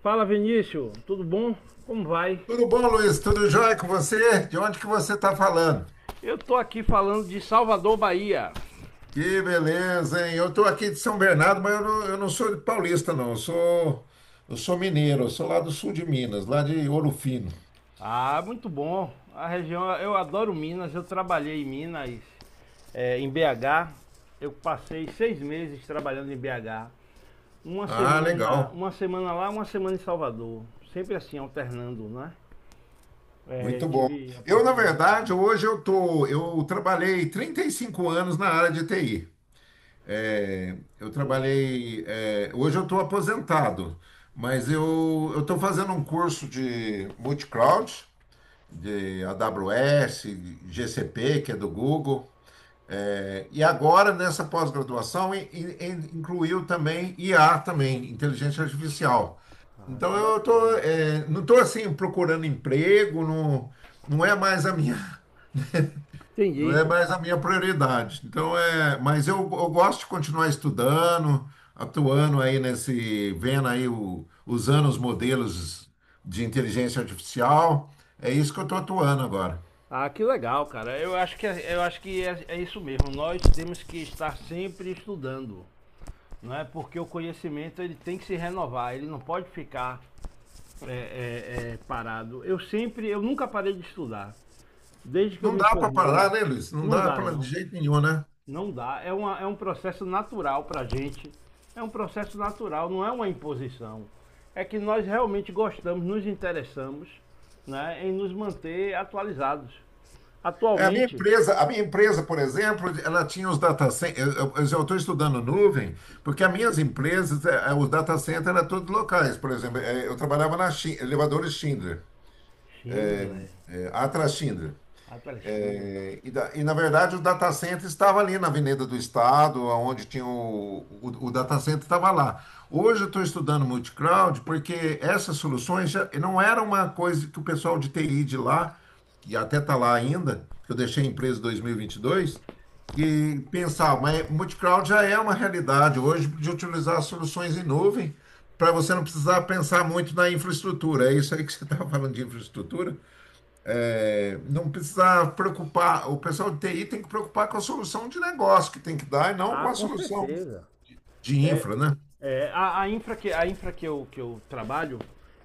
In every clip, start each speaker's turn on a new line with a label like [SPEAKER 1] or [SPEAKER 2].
[SPEAKER 1] Fala Vinícius, tudo bom? Como vai?
[SPEAKER 2] Tudo bom, Luiz? Tudo jóia com você? De onde que você está falando?
[SPEAKER 1] Eu tô aqui falando de Salvador, Bahia.
[SPEAKER 2] Que beleza, hein? Eu estou aqui de São Bernardo, mas eu não sou de paulista, não. Eu sou mineiro, eu sou lá do sul de Minas, lá de Ouro Fino.
[SPEAKER 1] Ah, muito bom. A região, eu adoro Minas, eu trabalhei em Minas, em BH. Eu passei 6 meses trabalhando em BH.
[SPEAKER 2] Ah, legal.
[SPEAKER 1] Uma semana lá, uma semana em Salvador. Sempre assim, alternando, né?
[SPEAKER 2] Muito bom.
[SPEAKER 1] Tive a
[SPEAKER 2] Eu, na
[SPEAKER 1] oportunidade de
[SPEAKER 2] verdade,
[SPEAKER 1] trabalhar.
[SPEAKER 2] eu trabalhei 35 anos na área de TI. É, eu
[SPEAKER 1] Poxa.
[SPEAKER 2] trabalhei, é, hoje eu estou aposentado, mas eu estou fazendo um curso de multicloud de AWS, GCP, que é do Google. É, e agora, nessa pós-graduação, incluiu também IA, também, inteligência artificial.
[SPEAKER 1] Ah,
[SPEAKER 2] Então,
[SPEAKER 1] que bacana.
[SPEAKER 2] não estou assim procurando emprego, não, não é mais a minha, não
[SPEAKER 1] Entendi.
[SPEAKER 2] é mais a minha prioridade. Então, mas eu gosto de continuar estudando, atuando aí nesse, vendo aí, o, usando os modelos de inteligência artificial. É isso que eu estou atuando agora.
[SPEAKER 1] Ah, que legal, cara. Eu acho que, eu acho que é isso mesmo. Nós temos que estar sempre estudando, não é? Porque o conhecimento ele tem que se renovar. Ele não pode ficar parado. Eu nunca parei de estudar. Desde que eu
[SPEAKER 2] Não
[SPEAKER 1] me
[SPEAKER 2] dá para parar,
[SPEAKER 1] formei,
[SPEAKER 2] né, Luiz? Não
[SPEAKER 1] não
[SPEAKER 2] dá
[SPEAKER 1] dá
[SPEAKER 2] para de
[SPEAKER 1] não,
[SPEAKER 2] jeito nenhum, né?
[SPEAKER 1] não dá. É um processo natural para a gente. É um processo natural, não é uma imposição. É que nós realmente gostamos, nos interessamos, né, em nos manter atualizados.
[SPEAKER 2] É, a minha
[SPEAKER 1] Atualmente
[SPEAKER 2] empresa, a minha empresa, por exemplo, ela tinha os data centers. Eu estou estudando nuvem, porque as minhas empresas, os data centers eram todos locais. Por exemplo, eu trabalhava na elevadores Schindler,
[SPEAKER 1] Schindler.
[SPEAKER 2] Atlas Schindler.
[SPEAKER 1] Atlas Schindler.
[SPEAKER 2] Na verdade, o data center estava ali na Avenida do Estado, onde tinha o data center estava lá. Hoje eu estou estudando multicloud porque essas soluções já não era uma coisa que o pessoal de TI de lá, que até está lá ainda, que eu deixei a empresa em 2022, que pensava, mas multicloud já é uma realidade hoje de utilizar as soluções em nuvem para você não precisar pensar muito na infraestrutura. É isso aí que você estava falando de infraestrutura? É, não precisa preocupar, o pessoal de TI tem que preocupar com a solução de negócio que tem que dar e não
[SPEAKER 1] Ah,
[SPEAKER 2] com a
[SPEAKER 1] com
[SPEAKER 2] solução
[SPEAKER 1] certeza.
[SPEAKER 2] de
[SPEAKER 1] É,
[SPEAKER 2] infra, né?
[SPEAKER 1] a infra, que eu trabalho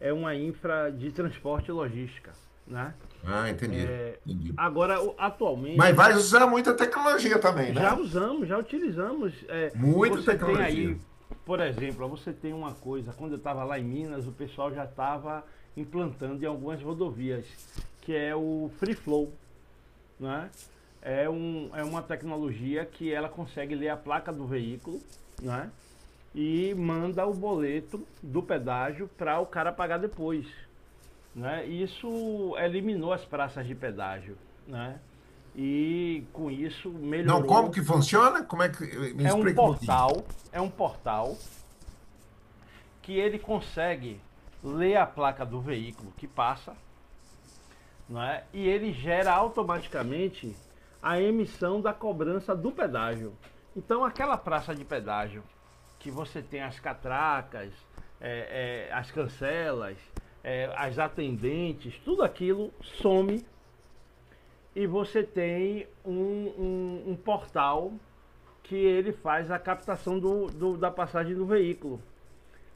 [SPEAKER 1] é uma infra de transporte e logística, né?
[SPEAKER 2] Ah, entendi,
[SPEAKER 1] É,
[SPEAKER 2] entendi.
[SPEAKER 1] agora, atualmente,
[SPEAKER 2] Mas vai usar muita tecnologia também, né?
[SPEAKER 1] já utilizamos.
[SPEAKER 2] Muita
[SPEAKER 1] Você tem
[SPEAKER 2] tecnologia.
[SPEAKER 1] aí, por exemplo, você tem uma coisa, quando eu estava lá em Minas, o pessoal já estava implantando em algumas rodovias, que é o free flow. Né? É uma tecnologia que ela consegue ler a placa do veículo, né? E manda o boleto do pedágio para o cara pagar depois, né? Isso eliminou as praças de pedágio, né? E com isso
[SPEAKER 2] Não, como
[SPEAKER 1] melhorou.
[SPEAKER 2] que funciona? Como é que me
[SPEAKER 1] É um
[SPEAKER 2] explica um pouquinho?
[SPEAKER 1] portal, é um portal que ele consegue ler a placa do veículo que passa, não é? E ele gera automaticamente a emissão da cobrança do pedágio. Então, aquela praça de pedágio que você tem as catracas, as cancelas, as atendentes, tudo aquilo some e você tem um, um portal que ele faz a captação da passagem do veículo,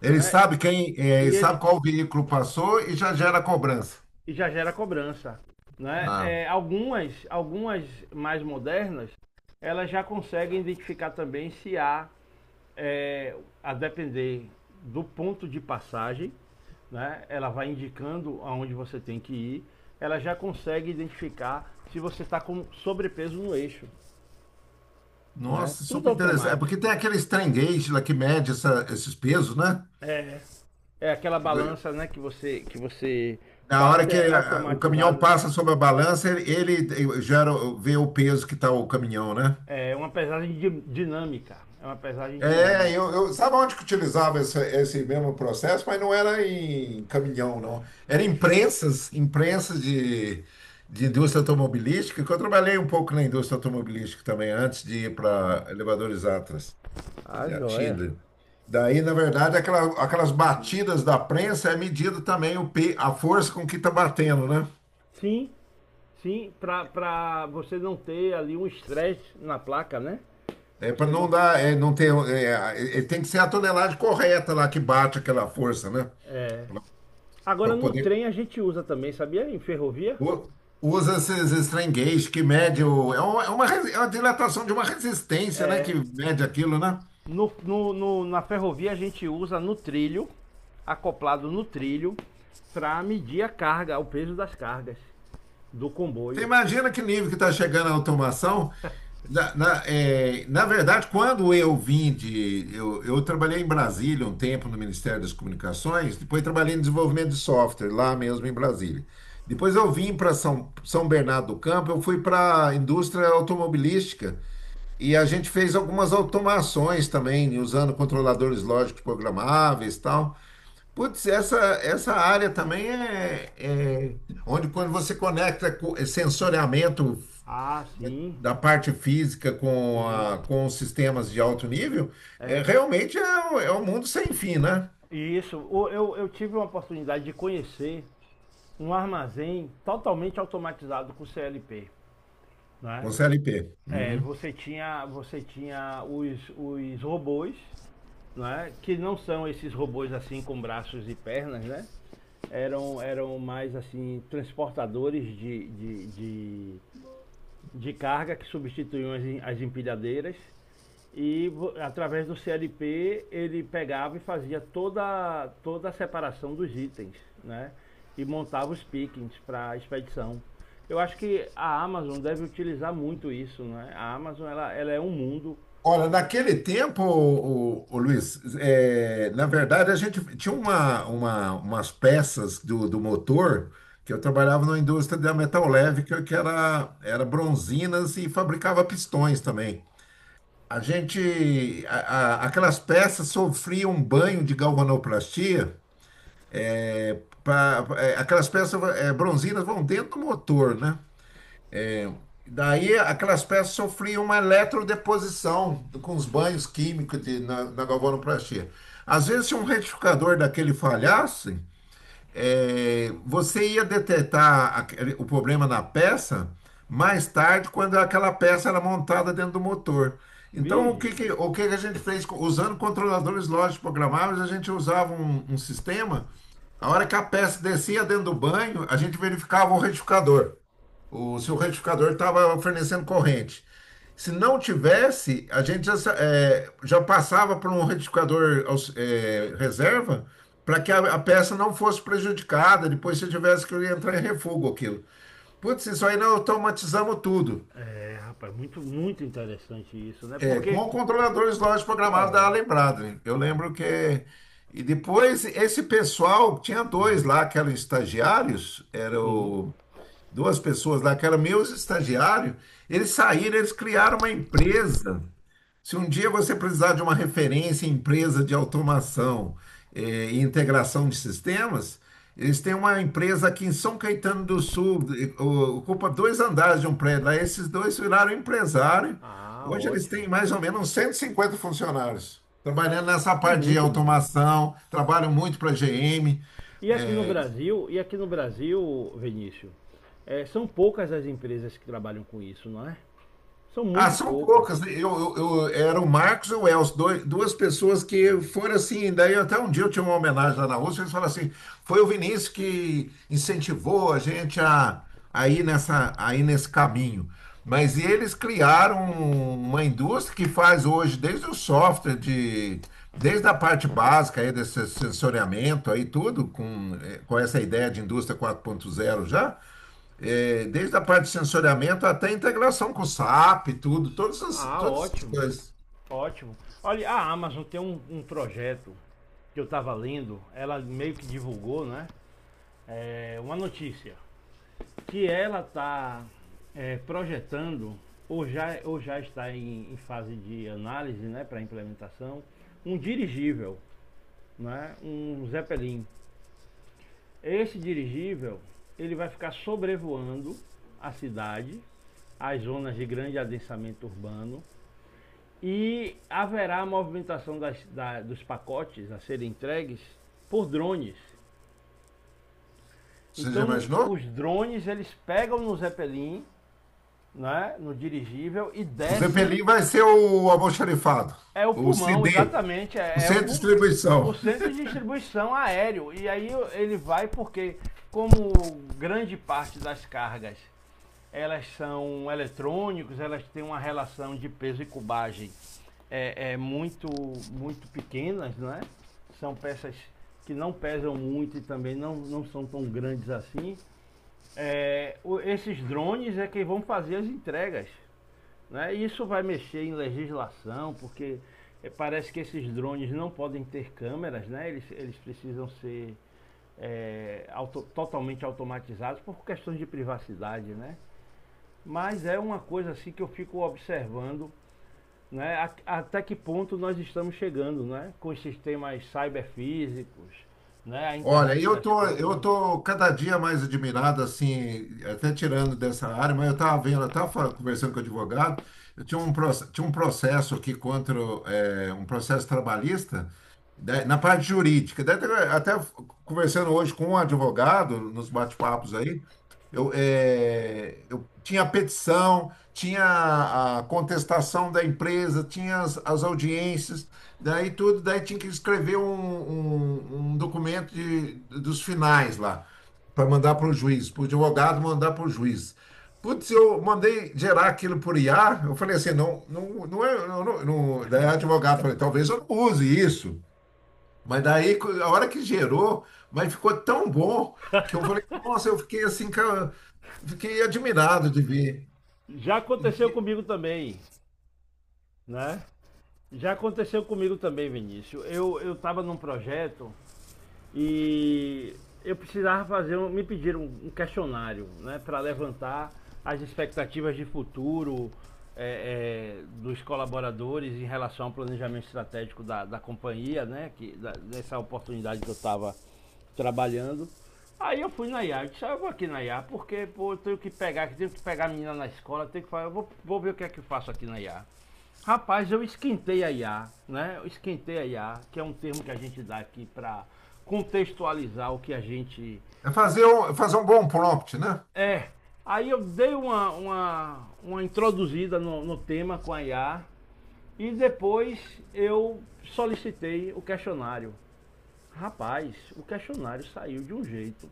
[SPEAKER 2] Ele
[SPEAKER 1] né?
[SPEAKER 2] sabe ele
[SPEAKER 1] E ele,
[SPEAKER 2] sabe qual veículo passou e já gera cobrança.
[SPEAKER 1] e já gera cobrança. Né?
[SPEAKER 2] Ah,
[SPEAKER 1] Algumas mais modernas, elas já conseguem identificar também se há, a depender do ponto de passagem, né? Ela vai indicando aonde você tem que ir, ela já consegue identificar se você está com sobrepeso no eixo. Né?
[SPEAKER 2] nossa,
[SPEAKER 1] Tudo
[SPEAKER 2] super interessante. É porque
[SPEAKER 1] automático.
[SPEAKER 2] tem aqueles trem gauge lá que mede esses pesos, né?
[SPEAKER 1] É, é aquela balança né, que você
[SPEAKER 2] Na hora
[SPEAKER 1] passa,
[SPEAKER 2] que
[SPEAKER 1] é
[SPEAKER 2] o caminhão
[SPEAKER 1] automatizada.
[SPEAKER 2] passa sobre a balança, ele gera, vê o peso que está o caminhão, né?
[SPEAKER 1] É uma pesagem dinâmica. É uma pesagem
[SPEAKER 2] É,
[SPEAKER 1] dinâmica.
[SPEAKER 2] sabe onde que utilizava esse mesmo processo, mas não era em caminhão, não. Era em prensas de indústria automobilística, que eu trabalhei um pouco na indústria automobilística também, antes de ir para
[SPEAKER 1] Ah,
[SPEAKER 2] elevadores Atlas,
[SPEAKER 1] ah,
[SPEAKER 2] da
[SPEAKER 1] joia.
[SPEAKER 2] Schindler. Daí, na verdade, aquelas batidas da prensa é medida também a força com que está batendo, né?
[SPEAKER 1] Sim, sim, pra você não ter ali um estresse na placa, né?
[SPEAKER 2] É para
[SPEAKER 1] Você
[SPEAKER 2] não
[SPEAKER 1] não.
[SPEAKER 2] dar, é, não ter, é, é, tem que ser a tonelagem correta lá que bate aquela força, né?
[SPEAKER 1] É. Agora
[SPEAKER 2] Para
[SPEAKER 1] no
[SPEAKER 2] poder.
[SPEAKER 1] trem a gente usa também, sabia? Em ferrovia?
[SPEAKER 2] u- Usa esses strain gauge que mede o. É uma dilatação de uma resistência, né?
[SPEAKER 1] É.
[SPEAKER 2] Que mede aquilo, né?
[SPEAKER 1] Na ferrovia a gente usa no trilho, acoplado no trilho, para medir a carga, o peso das cargas do
[SPEAKER 2] Você
[SPEAKER 1] comboio.
[SPEAKER 2] imagina que nível que está chegando a automação? Na verdade, quando eu vim de. Eu trabalhei em Brasília um tempo no Ministério das Comunicações, depois trabalhei em desenvolvimento de software, lá mesmo em Brasília. Depois eu vim para São, São Bernardo do Campo, eu fui para a indústria automobilística e a gente fez algumas automações também, usando controladores lógicos programáveis e tal. Putz, essa área também é onde quando você conecta sensoriamento
[SPEAKER 1] Ah, sim,
[SPEAKER 2] da parte física
[SPEAKER 1] sim.
[SPEAKER 2] com os sistemas de alto nível, é,
[SPEAKER 1] É,
[SPEAKER 2] realmente é, é um mundo sem fim, né?
[SPEAKER 1] Isso, eu tive uma oportunidade de conhecer um armazém totalmente automatizado com CLP, né?
[SPEAKER 2] Com CLP. Uhum.
[SPEAKER 1] Você tinha os robôs, né? Que não são esses robôs assim com braços e pernas, né? Eram mais assim transportadores de carga que substituíam as empilhadeiras. E através do CLP ele pegava e fazia toda a separação dos itens, né? E montava os pickings para a expedição. Eu acho que a Amazon deve utilizar muito isso, né? A Amazon ela é um mundo.
[SPEAKER 2] Olha, naquele tempo, o, Luiz, na verdade a gente tinha umas peças do motor que eu trabalhava na indústria da metal leve, que era bronzinas e fabricava pistões também. A gente, a- aquelas peças sofriam um banho de galvanoplastia. Aquelas peças, bronzinas vão dentro do motor, né? Daí aquelas peças sofriam uma eletrodeposição com os banhos químicos na galvanoplastia. Às vezes, se um retificador daquele falhasse, é, você ia detectar o problema na peça mais tarde, quando aquela peça era montada dentro do motor. Então, o
[SPEAKER 1] Vige?
[SPEAKER 2] que que, o que que a gente fez? Usando controladores lógicos programáveis, a gente usava um sistema. A hora que a peça descia dentro do banho, a gente verificava o retificador. Se o retificador estava fornecendo corrente. Se não tivesse, a gente já, já passava para um retificador reserva para que a peça não fosse prejudicada, depois se tivesse que entrar em refugo aquilo. Putz, isso aí nós automatizamos tudo.
[SPEAKER 1] É, rapaz, muito, muito interessante isso, né?
[SPEAKER 2] É,
[SPEAKER 1] Porque...
[SPEAKER 2] com controladores lógicos programados da Lembrado. Hein? Eu lembro que. E depois esse pessoal, tinha dois lá que eram estagiários, era
[SPEAKER 1] Uhum.
[SPEAKER 2] o duas pessoas lá, que eram meus estagiários, eles saíram, eles criaram uma empresa. Se um dia você precisar de uma referência em empresa de automação, e integração de sistemas, eles têm uma empresa aqui em São Caetano do Sul, ocupa dois andares de um prédio lá. Esses dois viraram empresário.
[SPEAKER 1] Ah,
[SPEAKER 2] Hoje eles têm
[SPEAKER 1] ótimo.
[SPEAKER 2] mais ou menos uns 150 funcionários. Trabalhando nessa
[SPEAKER 1] É
[SPEAKER 2] parte de
[SPEAKER 1] muito bom.
[SPEAKER 2] automação, trabalham muito para a GM.
[SPEAKER 1] E aqui no Brasil, Vinícius, são poucas as empresas que trabalham com isso, não é? São
[SPEAKER 2] Ah,
[SPEAKER 1] muito
[SPEAKER 2] são
[SPEAKER 1] poucas.
[SPEAKER 2] poucas. Né? Era o Marcos e o Elcio, dois, duas pessoas que foram assim. Daí até um dia eu tinha uma homenagem lá na Rússia, eles falaram assim: foi o Vinícius que incentivou a gente a ir nesse caminho. Mas eles criaram uma indústria que faz hoje, desde o software, desde a parte básica aí desse sensoriamento aí, tudo, com, com essa ideia de indústria 4.0 já. É, desde a parte de sensoriamento até a integração com o SAP, tudo,
[SPEAKER 1] Ah,
[SPEAKER 2] todas essas
[SPEAKER 1] ótimo,
[SPEAKER 2] coisas.
[SPEAKER 1] ótimo. Olha, a Amazon tem um, projeto que eu tava lendo, ela meio que divulgou, né? Uma notícia que ela tá projetando ou já, está em fase de análise, né, para implementação, um dirigível, né, um Zeppelin. Esse dirigível ele vai ficar sobrevoando a cidade, as zonas de grande adensamento urbano. E haverá a movimentação dos pacotes a serem entregues por drones.
[SPEAKER 2] Você já
[SPEAKER 1] Então,
[SPEAKER 2] imaginou?
[SPEAKER 1] os drones eles pegam no Zeppelin, né, no dirigível, e
[SPEAKER 2] O
[SPEAKER 1] descem.
[SPEAKER 2] Zeppelin vai ser o almoxarifado,
[SPEAKER 1] É o
[SPEAKER 2] o
[SPEAKER 1] pulmão,
[SPEAKER 2] CD,
[SPEAKER 1] exatamente.
[SPEAKER 2] o
[SPEAKER 1] É, é o,
[SPEAKER 2] centro de
[SPEAKER 1] pul... o
[SPEAKER 2] distribuição.
[SPEAKER 1] centro de distribuição aéreo. E aí ele vai porque, como grande parte das cargas elas são eletrônicos, elas têm uma relação de peso e cubagem é muito, muito pequenas, não é? São peças que não pesam muito e também não são tão grandes assim. Esses drones é quem vão fazer as entregas. Né? Isso vai mexer em legislação, porque parece que esses drones não podem ter câmeras, né? Eles precisam ser totalmente automatizados por questões de privacidade. Né? Mas é uma coisa assim que eu fico observando, né? Até que ponto nós estamos chegando, né? Com os sistemas cyberfísicos, né? A
[SPEAKER 2] Olha,
[SPEAKER 1] internet
[SPEAKER 2] eu
[SPEAKER 1] das
[SPEAKER 2] tô, eu
[SPEAKER 1] coisas.
[SPEAKER 2] tô cada dia mais admirado, assim, até tirando dessa área, mas eu estava vendo, eu estava conversando com o advogado, eu tinha tinha um processo aqui contra, um processo trabalhista, na parte jurídica. Daí até, até conversando hoje com um advogado, nos bate-papos aí, eu tinha a petição, tinha a contestação da empresa, tinha as audiências. Daí tudo, daí tinha que escrever um documento de, dos finais lá, para mandar para o juiz, para o advogado mandar para o juiz. Putz, eu mandei gerar aquilo por IA, eu falei assim, não, não, não é, não, não, daí o advogado falou, talvez eu não use isso. Mas daí, a hora que gerou, mas ficou tão bom que eu falei, nossa, eu fiquei assim, cara, fiquei admirado de ver.
[SPEAKER 1] Já
[SPEAKER 2] E-
[SPEAKER 1] aconteceu
[SPEAKER 2] e-
[SPEAKER 1] comigo também, né? Já aconteceu comigo também, Vinícius. Eu estava num projeto. E eu precisava fazer, me pediram um questionário, né, para levantar as expectativas de futuro dos colaboradores em relação ao planejamento estratégico da, companhia, né, dessa oportunidade que eu estava trabalhando. Aí eu fui na IA, eu disse, ah, eu vou aqui na IA, porque pô, eu tenho que pegar a menina na escola, tenho que falar, eu vou ver o que é que eu faço aqui na IA. Rapaz, eu esquentei a IA, né? Eu esquentei a IA, que é um termo que a gente dá aqui para contextualizar o que a gente
[SPEAKER 2] Fazer um bom prompt, né?
[SPEAKER 1] é. Aí eu dei uma, introduzida no tema com a IA e depois eu solicitei o questionário. Rapaz, o questionário saiu de um jeito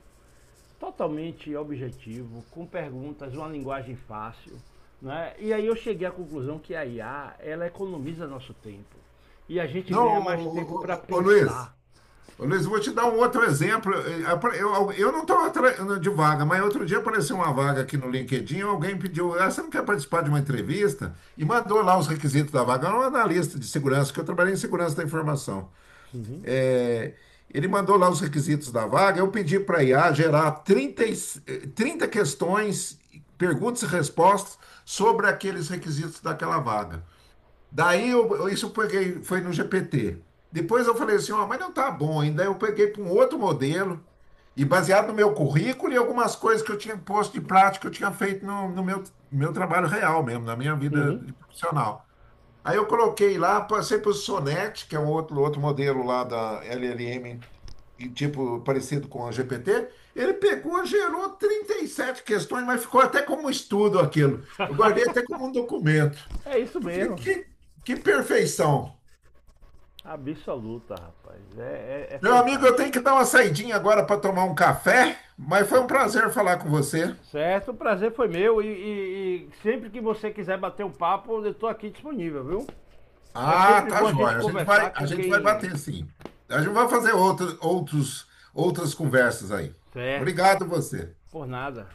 [SPEAKER 1] totalmente objetivo, com perguntas, uma linguagem fácil. Né? E aí eu cheguei à conclusão que a IA ela economiza nosso tempo. E a gente
[SPEAKER 2] Não,
[SPEAKER 1] ganha mais tempo para
[SPEAKER 2] ô, ô, ô, ô, Luiz?
[SPEAKER 1] pensar.
[SPEAKER 2] Ô, Luiz, vou te dar um outro exemplo. Eu não estou de vaga, mas outro dia apareceu uma vaga aqui no LinkedIn. Alguém pediu, ah, você não quer participar de uma entrevista? E mandou lá os requisitos da vaga. Era um analista de segurança, que eu trabalhei em segurança da informação.
[SPEAKER 1] Uhum.
[SPEAKER 2] Eh, Ele mandou lá os requisitos da vaga. Eu pedi para a IA gerar 30 questões, perguntas e respostas sobre aqueles requisitos daquela vaga. Daí isso eu peguei, foi no GPT. Depois eu falei assim, ó, mas não tá bom ainda. Eu peguei para um outro modelo e baseado no meu currículo e algumas coisas que eu tinha posto de prática, que eu tinha feito no, no meu, meu trabalho real mesmo, na minha vida de profissional. Aí eu coloquei lá, passei para o Sonnet, que é um outro, outro modelo lá da LLM e, tipo parecido com o GPT, ele pegou, gerou 37 questões, mas ficou até como estudo aquilo. Eu guardei até como um documento.
[SPEAKER 1] É isso
[SPEAKER 2] Porque
[SPEAKER 1] mesmo.
[SPEAKER 2] que perfeição.
[SPEAKER 1] Absoluta, rapaz. É
[SPEAKER 2] Meu amigo, eu tenho
[SPEAKER 1] fantástico.
[SPEAKER 2] que dar uma saidinha agora para tomar um café, mas foi um prazer falar com você.
[SPEAKER 1] Certo, o prazer foi meu. E sempre que você quiser bater um papo, eu estou aqui disponível, viu? É
[SPEAKER 2] Ah,
[SPEAKER 1] sempre
[SPEAKER 2] tá
[SPEAKER 1] bom a gente
[SPEAKER 2] jóia. A gente vai,
[SPEAKER 1] conversar com
[SPEAKER 2] a gente vai
[SPEAKER 1] quem.
[SPEAKER 2] bater sim. A gente vai fazer outras conversas aí.
[SPEAKER 1] Certo,
[SPEAKER 2] Obrigado você.
[SPEAKER 1] por nada.